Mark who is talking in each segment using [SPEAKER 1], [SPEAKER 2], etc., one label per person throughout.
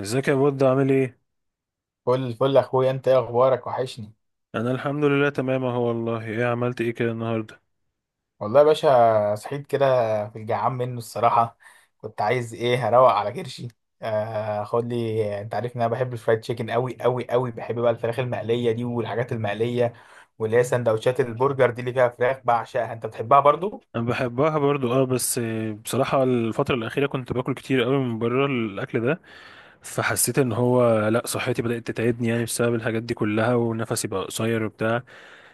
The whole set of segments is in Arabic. [SPEAKER 1] ازيك يا بود، عامل ايه؟
[SPEAKER 2] فل فل اخويا، انت ايه اخبارك؟ وحشني.
[SPEAKER 1] انا الحمد لله تمام اهو، والله ايه عملت ايه كده النهارده؟
[SPEAKER 2] والله يا باشا، صحيت كده في الجعان منه الصراحه. كنت عايز ايه، هروق على كرشي. خد لي، انت عارف ان انا بحب الفرايد تشيكن قوي قوي قوي. بحب بقى الفراخ المقليه دي والحاجات المقليه، واللي هي سندوتشات البرجر دي اللي فيها فراخ بعشقها. انت بتحبها برضو؟
[SPEAKER 1] انا بحبها برضو اه، بس بصراحه الفتره الاخيره كنت باكل كتير قوي من بره الاكل ده. فحسيت ان هو لا صحتي بدات تتعبني يعني بسبب الحاجات دي كلها، ونفسي بقى قصير وبتاع.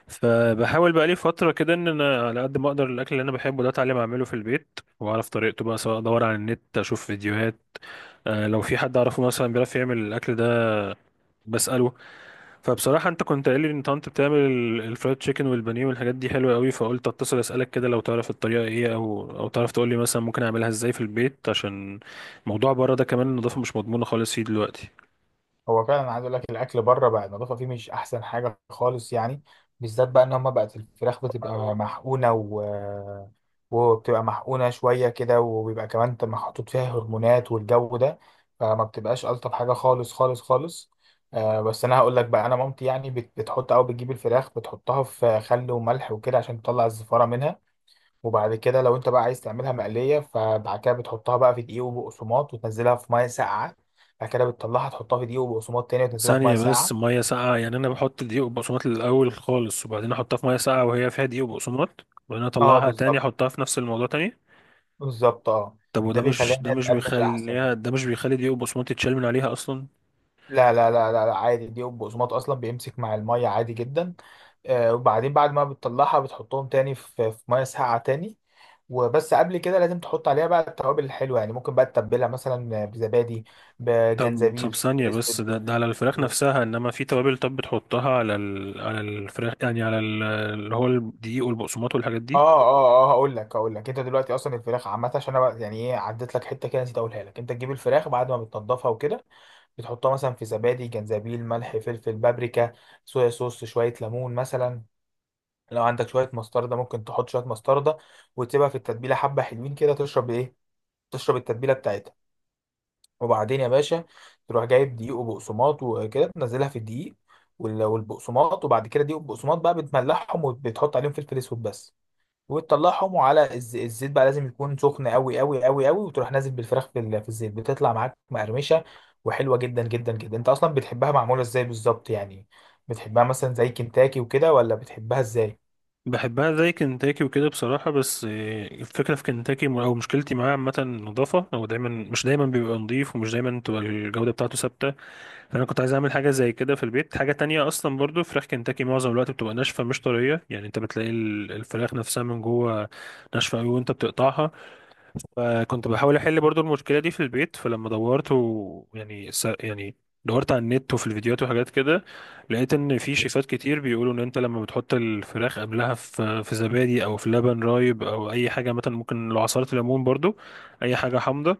[SPEAKER 1] فبحاول بقى لي فتره كده ان انا على قد ما اقدر، الاكل اللي انا بحبه ده اتعلم اعمله في البيت واعرف طريقته بقى، سواء ادور على النت اشوف فيديوهات. لو في حد اعرفه مثلا بيعرف يعمل الاكل ده بساله. فبصراحة انت كنت قايل لي ان انت بتعمل الفرايد تشيكن والبانيه والحاجات دي حلوة قوي، فقلت اتصل اسألك كده لو تعرف الطريقة ايه، او تعرف تقول لي مثلا ممكن اعملها ازاي في البيت، عشان موضوع بره ده كمان النظافة مش مضمونة خالص فيه دلوقتي.
[SPEAKER 2] هو فعلا، عايز اقول لك الاكل بره بقى النظافه فيه مش احسن حاجه خالص يعني. بالذات بقى ان هم بقت الفراخ بتبقى محقونه وبتبقى محقونه شويه كده، وبيبقى كمان محطوط فيها هرمونات والجو ده. فما بتبقاش الطف حاجه خالص خالص خالص. آه بس انا هقول لك بقى، انا مامتي يعني بتحط او بتجيب الفراخ، بتحطها في خل وملح وكده عشان تطلع الزفاره منها. وبعد كده لو انت بقى عايز تعملها مقليه، فبعد كده بتحطها بقى في دقيق وبقسماط وتنزلها في ميه ساقعه. بعد كده بتطلعها تحطها في دقيق وبقسماط تاني وتنزلها في ميه
[SPEAKER 1] ثانية بس،
[SPEAKER 2] ساقعه.
[SPEAKER 1] مية ساقعة؟ يعني انا بحط دقيق وبقسماط الاول خالص وبعدين احطها في مية ساقعة وهي فيها دقيق وبقسماط، وبعدين
[SPEAKER 2] اه
[SPEAKER 1] اطلعها تاني
[SPEAKER 2] بالظبط.
[SPEAKER 1] احطها في نفس الموضوع تاني؟
[SPEAKER 2] بالظبط اه.
[SPEAKER 1] طب
[SPEAKER 2] ده
[SPEAKER 1] وده
[SPEAKER 2] بيخليها
[SPEAKER 1] مش، ده
[SPEAKER 2] انها
[SPEAKER 1] مش
[SPEAKER 2] تقرمش احسن.
[SPEAKER 1] بيخليها، ده مش بيخلي دقيق وبقسماط يتشال من عليها اصلا؟
[SPEAKER 2] لا لا لا لا, لا، عادي. الدقيق والبقسماط اصلا بيمسك مع الميه عادي جدا. آه، وبعدين بعد ما بتطلعها بتحطهم تاني في ميه ساقعه تاني. وبس قبل كده لازم تحط عليها بقى التوابل الحلوه، يعني ممكن بقى تتبلها مثلا بزبادي،
[SPEAKER 1] طب
[SPEAKER 2] بجنزبيل،
[SPEAKER 1] طب ثانية
[SPEAKER 2] فلفل
[SPEAKER 1] بس،
[SPEAKER 2] اسود.
[SPEAKER 1] ده على الفراخ نفسها، انما في توابل؟ طب بتحطها على على الفراخ يعني على اللي هو الدقيق والبقسماط والحاجات
[SPEAKER 2] اه
[SPEAKER 1] دي؟
[SPEAKER 2] اه اه، هقول لك انت دلوقتي. اصلا الفراخ عامه عشان انا يعني ايه، عديت لك حته كده نسيت اقولها لك. انت تجيب الفراخ بعد ما بتنضفها وكده، بتحطها مثلا في زبادي، جنزبيل، ملح، فلفل، بابريكا، صويا صوص، شويه ليمون مثلا. لو عندك شويه مستردة، ممكن تحط شويه مستردة وتسيبها في التتبيله حبه حلوين كده. تشرب ايه؟ تشرب التتبيله بتاعتها. وبعدين يا باشا، تروح جايب دقيق وبقسماط وكده، تنزلها في الدقيق والبقسماط، وبعد كده دقيق وبقسماط بقى بتملحهم وبتحط عليهم فلفل اسود بس، وتطلعهم على الزيت. بقى لازم يكون سخن قوي قوي قوي قوي، وتروح نازل بالفراخ في الزيت، بتطلع معاك مقرمشه وحلوه جدا جدا جدا. انت اصلا بتحبها معموله ازاي بالظبط يعني؟ بتحبها مثلا زي كنتاكي وكده، ولا بتحبها ازاي؟
[SPEAKER 1] بحبها زي كنتاكي وكده بصراحة، بس الفكرة في كنتاكي او مشكلتي معاه عامة النظافة، هو دايما مش دايما بيبقى نظيف، ومش دايما تبقى الجودة بتاعته ثابتة. فانا كنت عايز اعمل حاجة زي كده في البيت، حاجة تانية اصلا. برضو فراخ كنتاكي معظم الوقت بتبقى ناشفة مش طرية، يعني انت بتلاقي الفراخ نفسها من جوه ناشفة قوي وانت بتقطعها. فكنت بحاول احل برضو المشكله دي في البيت، فلما دورت و... يعني س... يعني دورت على النت وفي الفيديوهات وحاجات كده. لقيت ان في شيفات كتير بيقولوا ان انت لما بتحط الفراخ قبلها في زبادي او في لبن رايب او اي حاجه، مثلا ممكن لو عصاره ليمون برضو، اي حاجه حامضه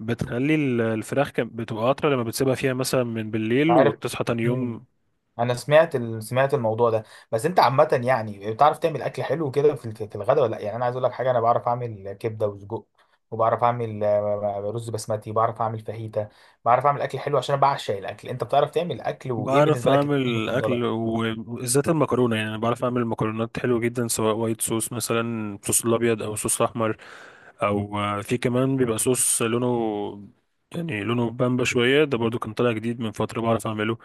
[SPEAKER 1] بتخلي الفراخ بتبقى اطرى لما بتسيبها فيها مثلا من بالليل
[SPEAKER 2] عارف.
[SPEAKER 1] وتصحى تاني
[SPEAKER 2] مم.
[SPEAKER 1] يوم.
[SPEAKER 2] انا سمعت سمعت الموضوع ده. بس انت عامه يعني بتعرف تعمل اكل حلو كده في الغداء ولا لا؟ يعني انا عايز اقول لك حاجه، انا بعرف اعمل كبده وسجق، وبعرف اعمل رز بسمتي، بعرف اعمل فاهيتا. بعرف اعمل اكل حلو عشان انا بعشق الاكل. انت بتعرف تعمل اكل؟ وايه
[SPEAKER 1] بعرف
[SPEAKER 2] بالنسبه لك الاكل
[SPEAKER 1] اعمل
[SPEAKER 2] المفضله؟
[SPEAKER 1] اكل وبالذات المكرونه، يعني انا بعرف اعمل مكرونات حلوه جدا، سواء وايت صوص مثلا، صوص الابيض او صوص احمر، او في كمان بيبقى صوص لونه، يعني لونه بامبا شويه، ده برضو كان طالع جديد من فتره بعرف اعمله.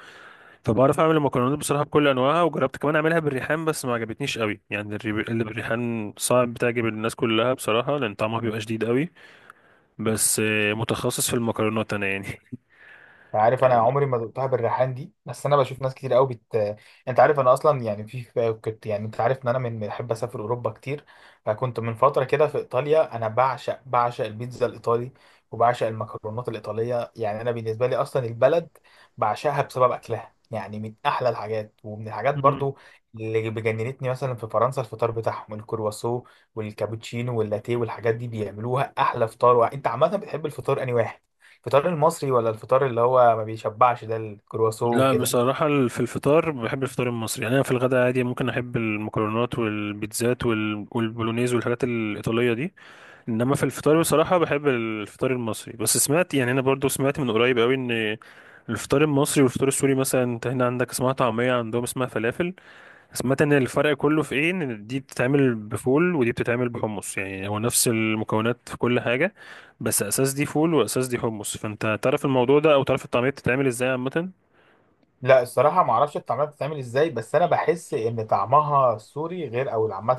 [SPEAKER 1] فبعرف اعمل المكرونات بصراحه بكل انواعها، وجربت كمان اعملها بالريحان بس ما عجبتنيش قوي، يعني اللي بالريحان صعب تعجب الناس كلها بصراحه، لان طعمها بيبقى شديد قوي. بس متخصص في المكرونات انا يعني.
[SPEAKER 2] عارف، انا عمري ما دقتها بالريحان دي، بس انا بشوف ناس كتير قوي بت. انت عارف انا اصلا يعني كنت يعني، انت عارف ان انا من بحب اسافر اوروبا كتير، فكنت من فتره كده في ايطاليا. انا بعشق بعشق البيتزا الايطالي وبعشق المكرونات الايطاليه، يعني انا بالنسبه لي اصلا البلد بعشقها بسبب اكلها. يعني من احلى الحاجات، ومن الحاجات
[SPEAKER 1] مم.
[SPEAKER 2] برضو اللي بجننتني مثلا في فرنسا الفطار بتاعهم، الكرواسو والكابتشينو واللاتيه والحاجات دي بيعملوها احلى فطار. انت عامه بتحب الفطار انهي واحد؟ الفطار المصري، ولا الفطار اللي هو ما بيشبعش ده الكرواسون
[SPEAKER 1] لا
[SPEAKER 2] وكده؟
[SPEAKER 1] بصراحة، في الفطار بحب الفطار المصري، يعني أنا في الغداء عادي ممكن أحب المكرونات والبيتزات والبولونيز والحاجات الإيطالية دي. انما في الفطار بصراحة بحب الفطار المصري، بس سمعت يعني انا برضو سمعت من قريب قوي ان الفطار المصري والفطار السوري، مثلا انت هنا عندك اسمها طعمية، عندهم اسمها فلافل. سمعت ان الفرق كله في ايه، ان دي بتتعمل بفول ودي بتتعمل بحمص، يعني هو نفس المكونات في كل حاجة بس اساس دي فول واساس دي حمص. فانت تعرف الموضوع ده، او تعرف الطعمية بتتعمل ازاي عامة؟
[SPEAKER 2] لا الصراحه ما اعرفش الطعميه بتتعمل ازاي، بس انا بحس ان طعمها السوري غير. او عامه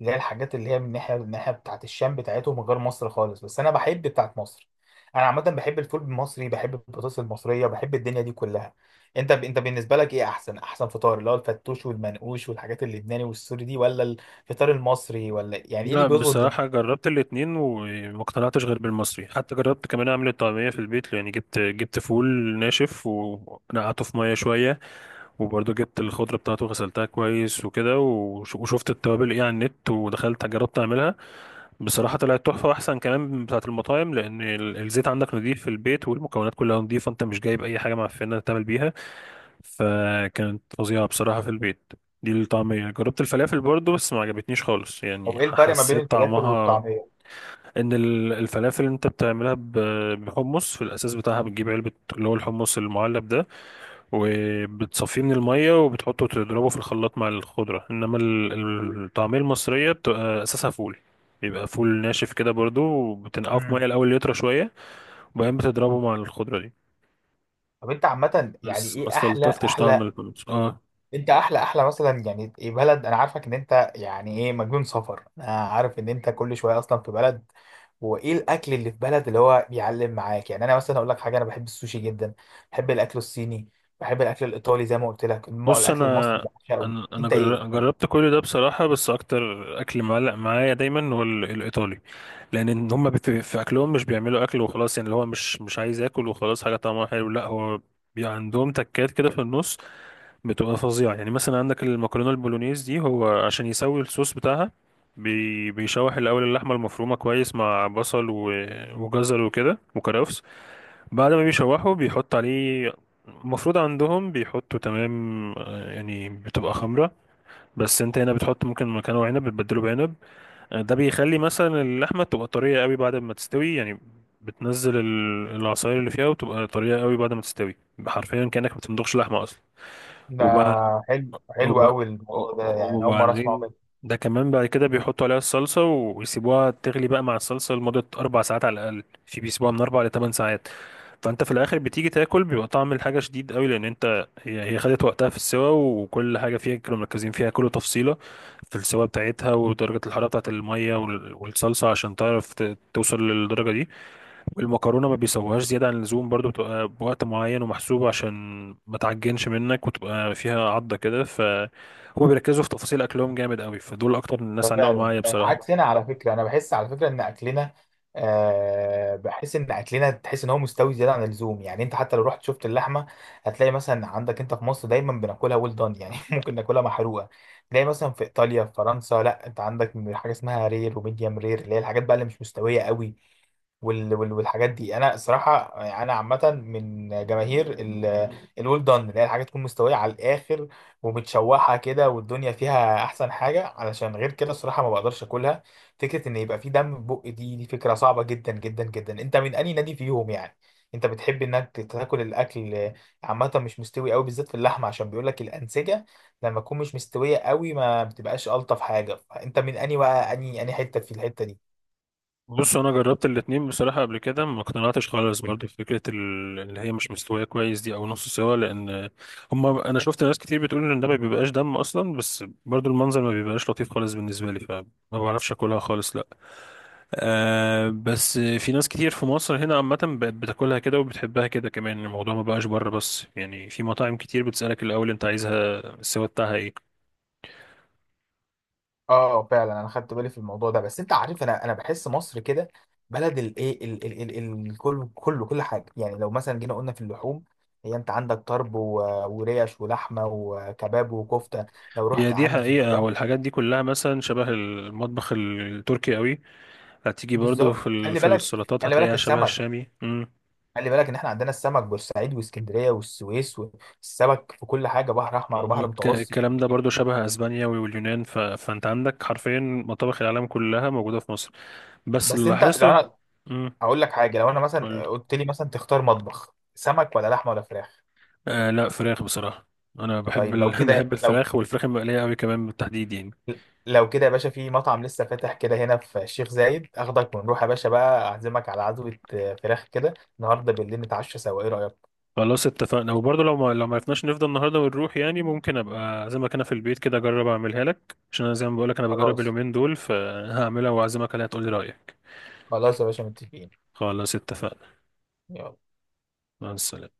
[SPEAKER 2] اللي هي الحاجات اللي هي من الناحيه بتاعت الشام بتاعتهم غير مصر خالص، بس انا بحب بتاعت مصر. انا عامه بحب الفول المصري، بحب البطاطس المصريه، بحب الدنيا دي كلها. انت بالنسبه لك ايه احسن احسن فطار؟ اللي هو الفتوش والمنقوش والحاجات اللبناني والسوري دي، ولا الفطار المصري؟ ولا يعني ايه اللي
[SPEAKER 1] لا
[SPEAKER 2] بيظبط
[SPEAKER 1] بصراحة
[SPEAKER 2] دماغك؟
[SPEAKER 1] جربت الاتنين وما اقتنعتش غير بالمصري، حتى جربت كمان اعمل الطعمية في البيت، يعني جبت فول ناشف ونقعته في مية شوية. وبرضه جبت الخضرة بتاعته غسلتها كويس وكده، وشفت التوابل ايه على النت، ودخلت جربت اعملها. بصراحة طلعت تحفة، واحسن كمان من بتاعة المطاعم، لان الزيت عندك نضيف في البيت، والمكونات كلها نضيفة، انت مش جايب اي حاجة معفنة تعمل بيها. فكانت فظيعة بصراحة في البيت دي الطعمية. جربت الفلافل برضه بس ما عجبتنيش خالص، يعني
[SPEAKER 2] او ايه الفرق ما بين
[SPEAKER 1] حسيت
[SPEAKER 2] الفلافل
[SPEAKER 1] طعمها،
[SPEAKER 2] والطعميه؟
[SPEAKER 1] ان الفلافل انت بتعملها بحمص في الاساس بتاعها، بتجيب علبة اللي هو الحمص المعلب ده، وبتصفيه من المية وبتحطه تضربه في الخلاط مع الخضرة، انما الطعمية المصرية بتبقى اساسها فول. بيبقى فول ناشف كده برضو، وبتنقعه في مية الاول يطرى شوية، وبعدين بتضربه مع الخضرة دي.
[SPEAKER 2] طب انت عامة يعني
[SPEAKER 1] بس ما
[SPEAKER 2] ايه احلى
[SPEAKER 1] استلطفتش طعم
[SPEAKER 2] احلى،
[SPEAKER 1] البطاطس اه.
[SPEAKER 2] انت احلى احلى مثلا يعني ايه بلد؟ انا عارفك ان انت يعني ايه مجنون سفر، انا عارف ان انت كل شوية اصلا في بلد. وايه الاكل اللي في بلد اللي هو بيعلم معاك؟ يعني انا مثلا اقول لك حاجة، انا بحب السوشي جدا، بحب الاكل الصيني، بحب الاكل الايطالي. زي ما قلت لك
[SPEAKER 1] بص
[SPEAKER 2] الاكل المصري
[SPEAKER 1] انا
[SPEAKER 2] بعشقه.
[SPEAKER 1] انا انا
[SPEAKER 2] انت ايه؟
[SPEAKER 1] جر- جربت كل ده بصراحة، بس اكتر اكل معلق معايا دايما هو الايطالي. لان إن هما في اكلهم مش بيعملوا اكل وخلاص، يعني اللي هو مش عايز اكل وخلاص حاجة طعمها حلو، لا هو عندهم تكات كده في النص بتبقى فظيعة. يعني مثلا عندك المكرونة البولونيز دي، هو عشان يسوي الصوص بتاعها بيشوح الأول اللحمة المفرومة كويس مع بصل وجزر وكده وكرفس. بعد ما بيشوحه بيحط عليه المفروض عندهم بيحطوا تمام، يعني بتبقى خمرة، بس انت هنا بتحط ممكن مكانه عنب، بتبدله بعنب. ده بيخلي مثلا اللحمة تبقى طرية قوي بعد ما تستوي، يعني بتنزل العصاير اللي فيها وتبقى طرية قوي بعد ما تستوي. حرفيا كأنك ما بتمضغش لحمة
[SPEAKER 2] ده
[SPEAKER 1] أصلا.
[SPEAKER 2] حلو حلو
[SPEAKER 1] وب...
[SPEAKER 2] قوي الموضوع ده، يعني اول مرة اسمعه.
[SPEAKER 1] وبعدين ده كمان بعد كده بيحطوا عليها الصلصة ويسيبوها تغلي بقى مع الصلصة لمدة 4 ساعات على الأقل، في بيسيبوها من 4 ل 8 ساعات. فأنت في الآخر بتيجي تاكل بيبقى طعم الحاجة شديد قوي، لأن أنت هي خدت وقتها في السوا، وكل حاجة فيها كانوا مركزين فيها كل تفصيلة في السوا بتاعتها ودرجة الحرارة بتاعت المية والصلصة، عشان تعرف توصل للدرجة دي. والمكرونه ما بيسووهاش زياده عن اللزوم برضو، بتبقى بوقت معين ومحسوب عشان ما تعجنش منك وتبقى فيها عضه كده. فهما بيركزوا في تفاصيل اكلهم جامد قوي، فدول اكتر الناس علقوا
[SPEAKER 2] فعلا
[SPEAKER 1] معايا بصراحه.
[SPEAKER 2] عكسنا على فكره. انا بحس على فكره ان اكلنا، بحس ان اكلنا، تحس ان هو مستوي زياده عن اللزوم. يعني انت حتى لو رحت شفت اللحمه، هتلاقي مثلا عندك انت في مصر دايما بناكلها ويل دان يعني ممكن ناكلها محروقه. تلاقي مثلا في ايطاليا، في فرنسا، لا، انت عندك حاجه اسمها رير وميديم رير اللي هي الحاجات بقى اللي مش مستويه قوي والحاجات دي. انا الصراحه يعني انا عامه من جماهير الويل دان، اللي هي الحاجه تكون مستويه على الاخر ومتشوحه كده والدنيا فيها، احسن حاجه، علشان غير كده الصراحه ما بقدرش اكلها. فكره ان يبقى في دم، في بق، دي فكره صعبه جدا جدا جدا. انت من اي نادي فيهم يعني؟ انت بتحب انك تاكل الاكل عامه مش مستوي قوي، بالذات في اللحمه، عشان بيقول لك الانسجه لما تكون مش مستويه قوي ما بتبقاش الطف حاجه. فانت من اني بقى، اني حته في الحته دي؟
[SPEAKER 1] بص انا جربت الاتنين بصراحه قبل كده، ما اقتنعتش خالص برضو في فكره اللي هي مش مستويه كويس دي، او نص سوا، لان انا شفت ناس كتير بتقول ان ده ما بيبقاش دم اصلا، بس برضو المنظر ما بيبقاش لطيف خالص بالنسبه لي، فما بعرفش اكلها خالص لا. بس في ناس كتير في مصر هنا عامة بقت بتاكلها كده وبتحبها كده كمان. الموضوع ما بقاش بره بس يعني، في مطاعم كتير بتسألك الأول أنت عايزها السوا بتاعها إيه.
[SPEAKER 2] اه فعلا، انا خدت بالي في الموضوع ده. بس انت عارف، انا بحس مصر كده بلد الايه الكل كله، كل حاجه. يعني لو مثلا جينا قلنا في اللحوم، هي انت عندك طرب وريش ولحمه وكباب وكفته. لو
[SPEAKER 1] هي
[SPEAKER 2] رحت
[SPEAKER 1] دي
[SPEAKER 2] عند في
[SPEAKER 1] حقيقة،
[SPEAKER 2] الفراخ.
[SPEAKER 1] هو الحاجات دي كلها مثلا شبه المطبخ التركي قوي. هتيجي برضو
[SPEAKER 2] بالظبط. خلي
[SPEAKER 1] في
[SPEAKER 2] بالك،
[SPEAKER 1] السلطات
[SPEAKER 2] خلي بالك
[SPEAKER 1] هتلاقيها شبه
[SPEAKER 2] السمك.
[SPEAKER 1] الشامي. مم.
[SPEAKER 2] خلي بالك ان احنا عندنا السمك بورسعيد واسكندريه والسويس، والسمك في كل حاجه بحر احمر وبحر متوسط.
[SPEAKER 1] الكلام ده برضو شبه اسبانيا واليونان، فانت عندك حرفيا مطابخ العالم كلها موجودة في مصر. بس
[SPEAKER 2] بس
[SPEAKER 1] اللي
[SPEAKER 2] انت، لو
[SPEAKER 1] لاحظته،
[SPEAKER 2] انا
[SPEAKER 1] مم.
[SPEAKER 2] اقول لك حاجه، لو انا مثلا قلت لي مثلا تختار مطبخ سمك ولا لحمه ولا فراخ؟
[SPEAKER 1] آه، لا، فراخ بصراحة. أنا بحب
[SPEAKER 2] طيب لو كده،
[SPEAKER 1] بحب
[SPEAKER 2] لو
[SPEAKER 1] الفراخ والفراخ المقلية أوي كمان بالتحديد يعني.
[SPEAKER 2] لو كده يا باشا، في مطعم لسه فاتح كده هنا في الشيخ زايد، اخدك ونروح يا باشا بقى. اعزمك على عزوة فراخ كده النهارده بالليل، نتعشى سوا. ايه رأيك؟
[SPEAKER 1] خلاص اتفقنا، وبرضه لو ما عرفناش نفضل النهاردة ونروح يعني، ممكن أبقى أعزمك أنا في البيت كده أجرب أعملها لك، عشان أنا زي ما بقولك أنا بجرب
[SPEAKER 2] خلاص.
[SPEAKER 1] اليومين دول، فهعملها وأعزمك عليها تقولي رأيك.
[SPEAKER 2] خلاص يا باشا متفقين.
[SPEAKER 1] خلاص اتفقنا.
[SPEAKER 2] يلا.
[SPEAKER 1] مع السلامة.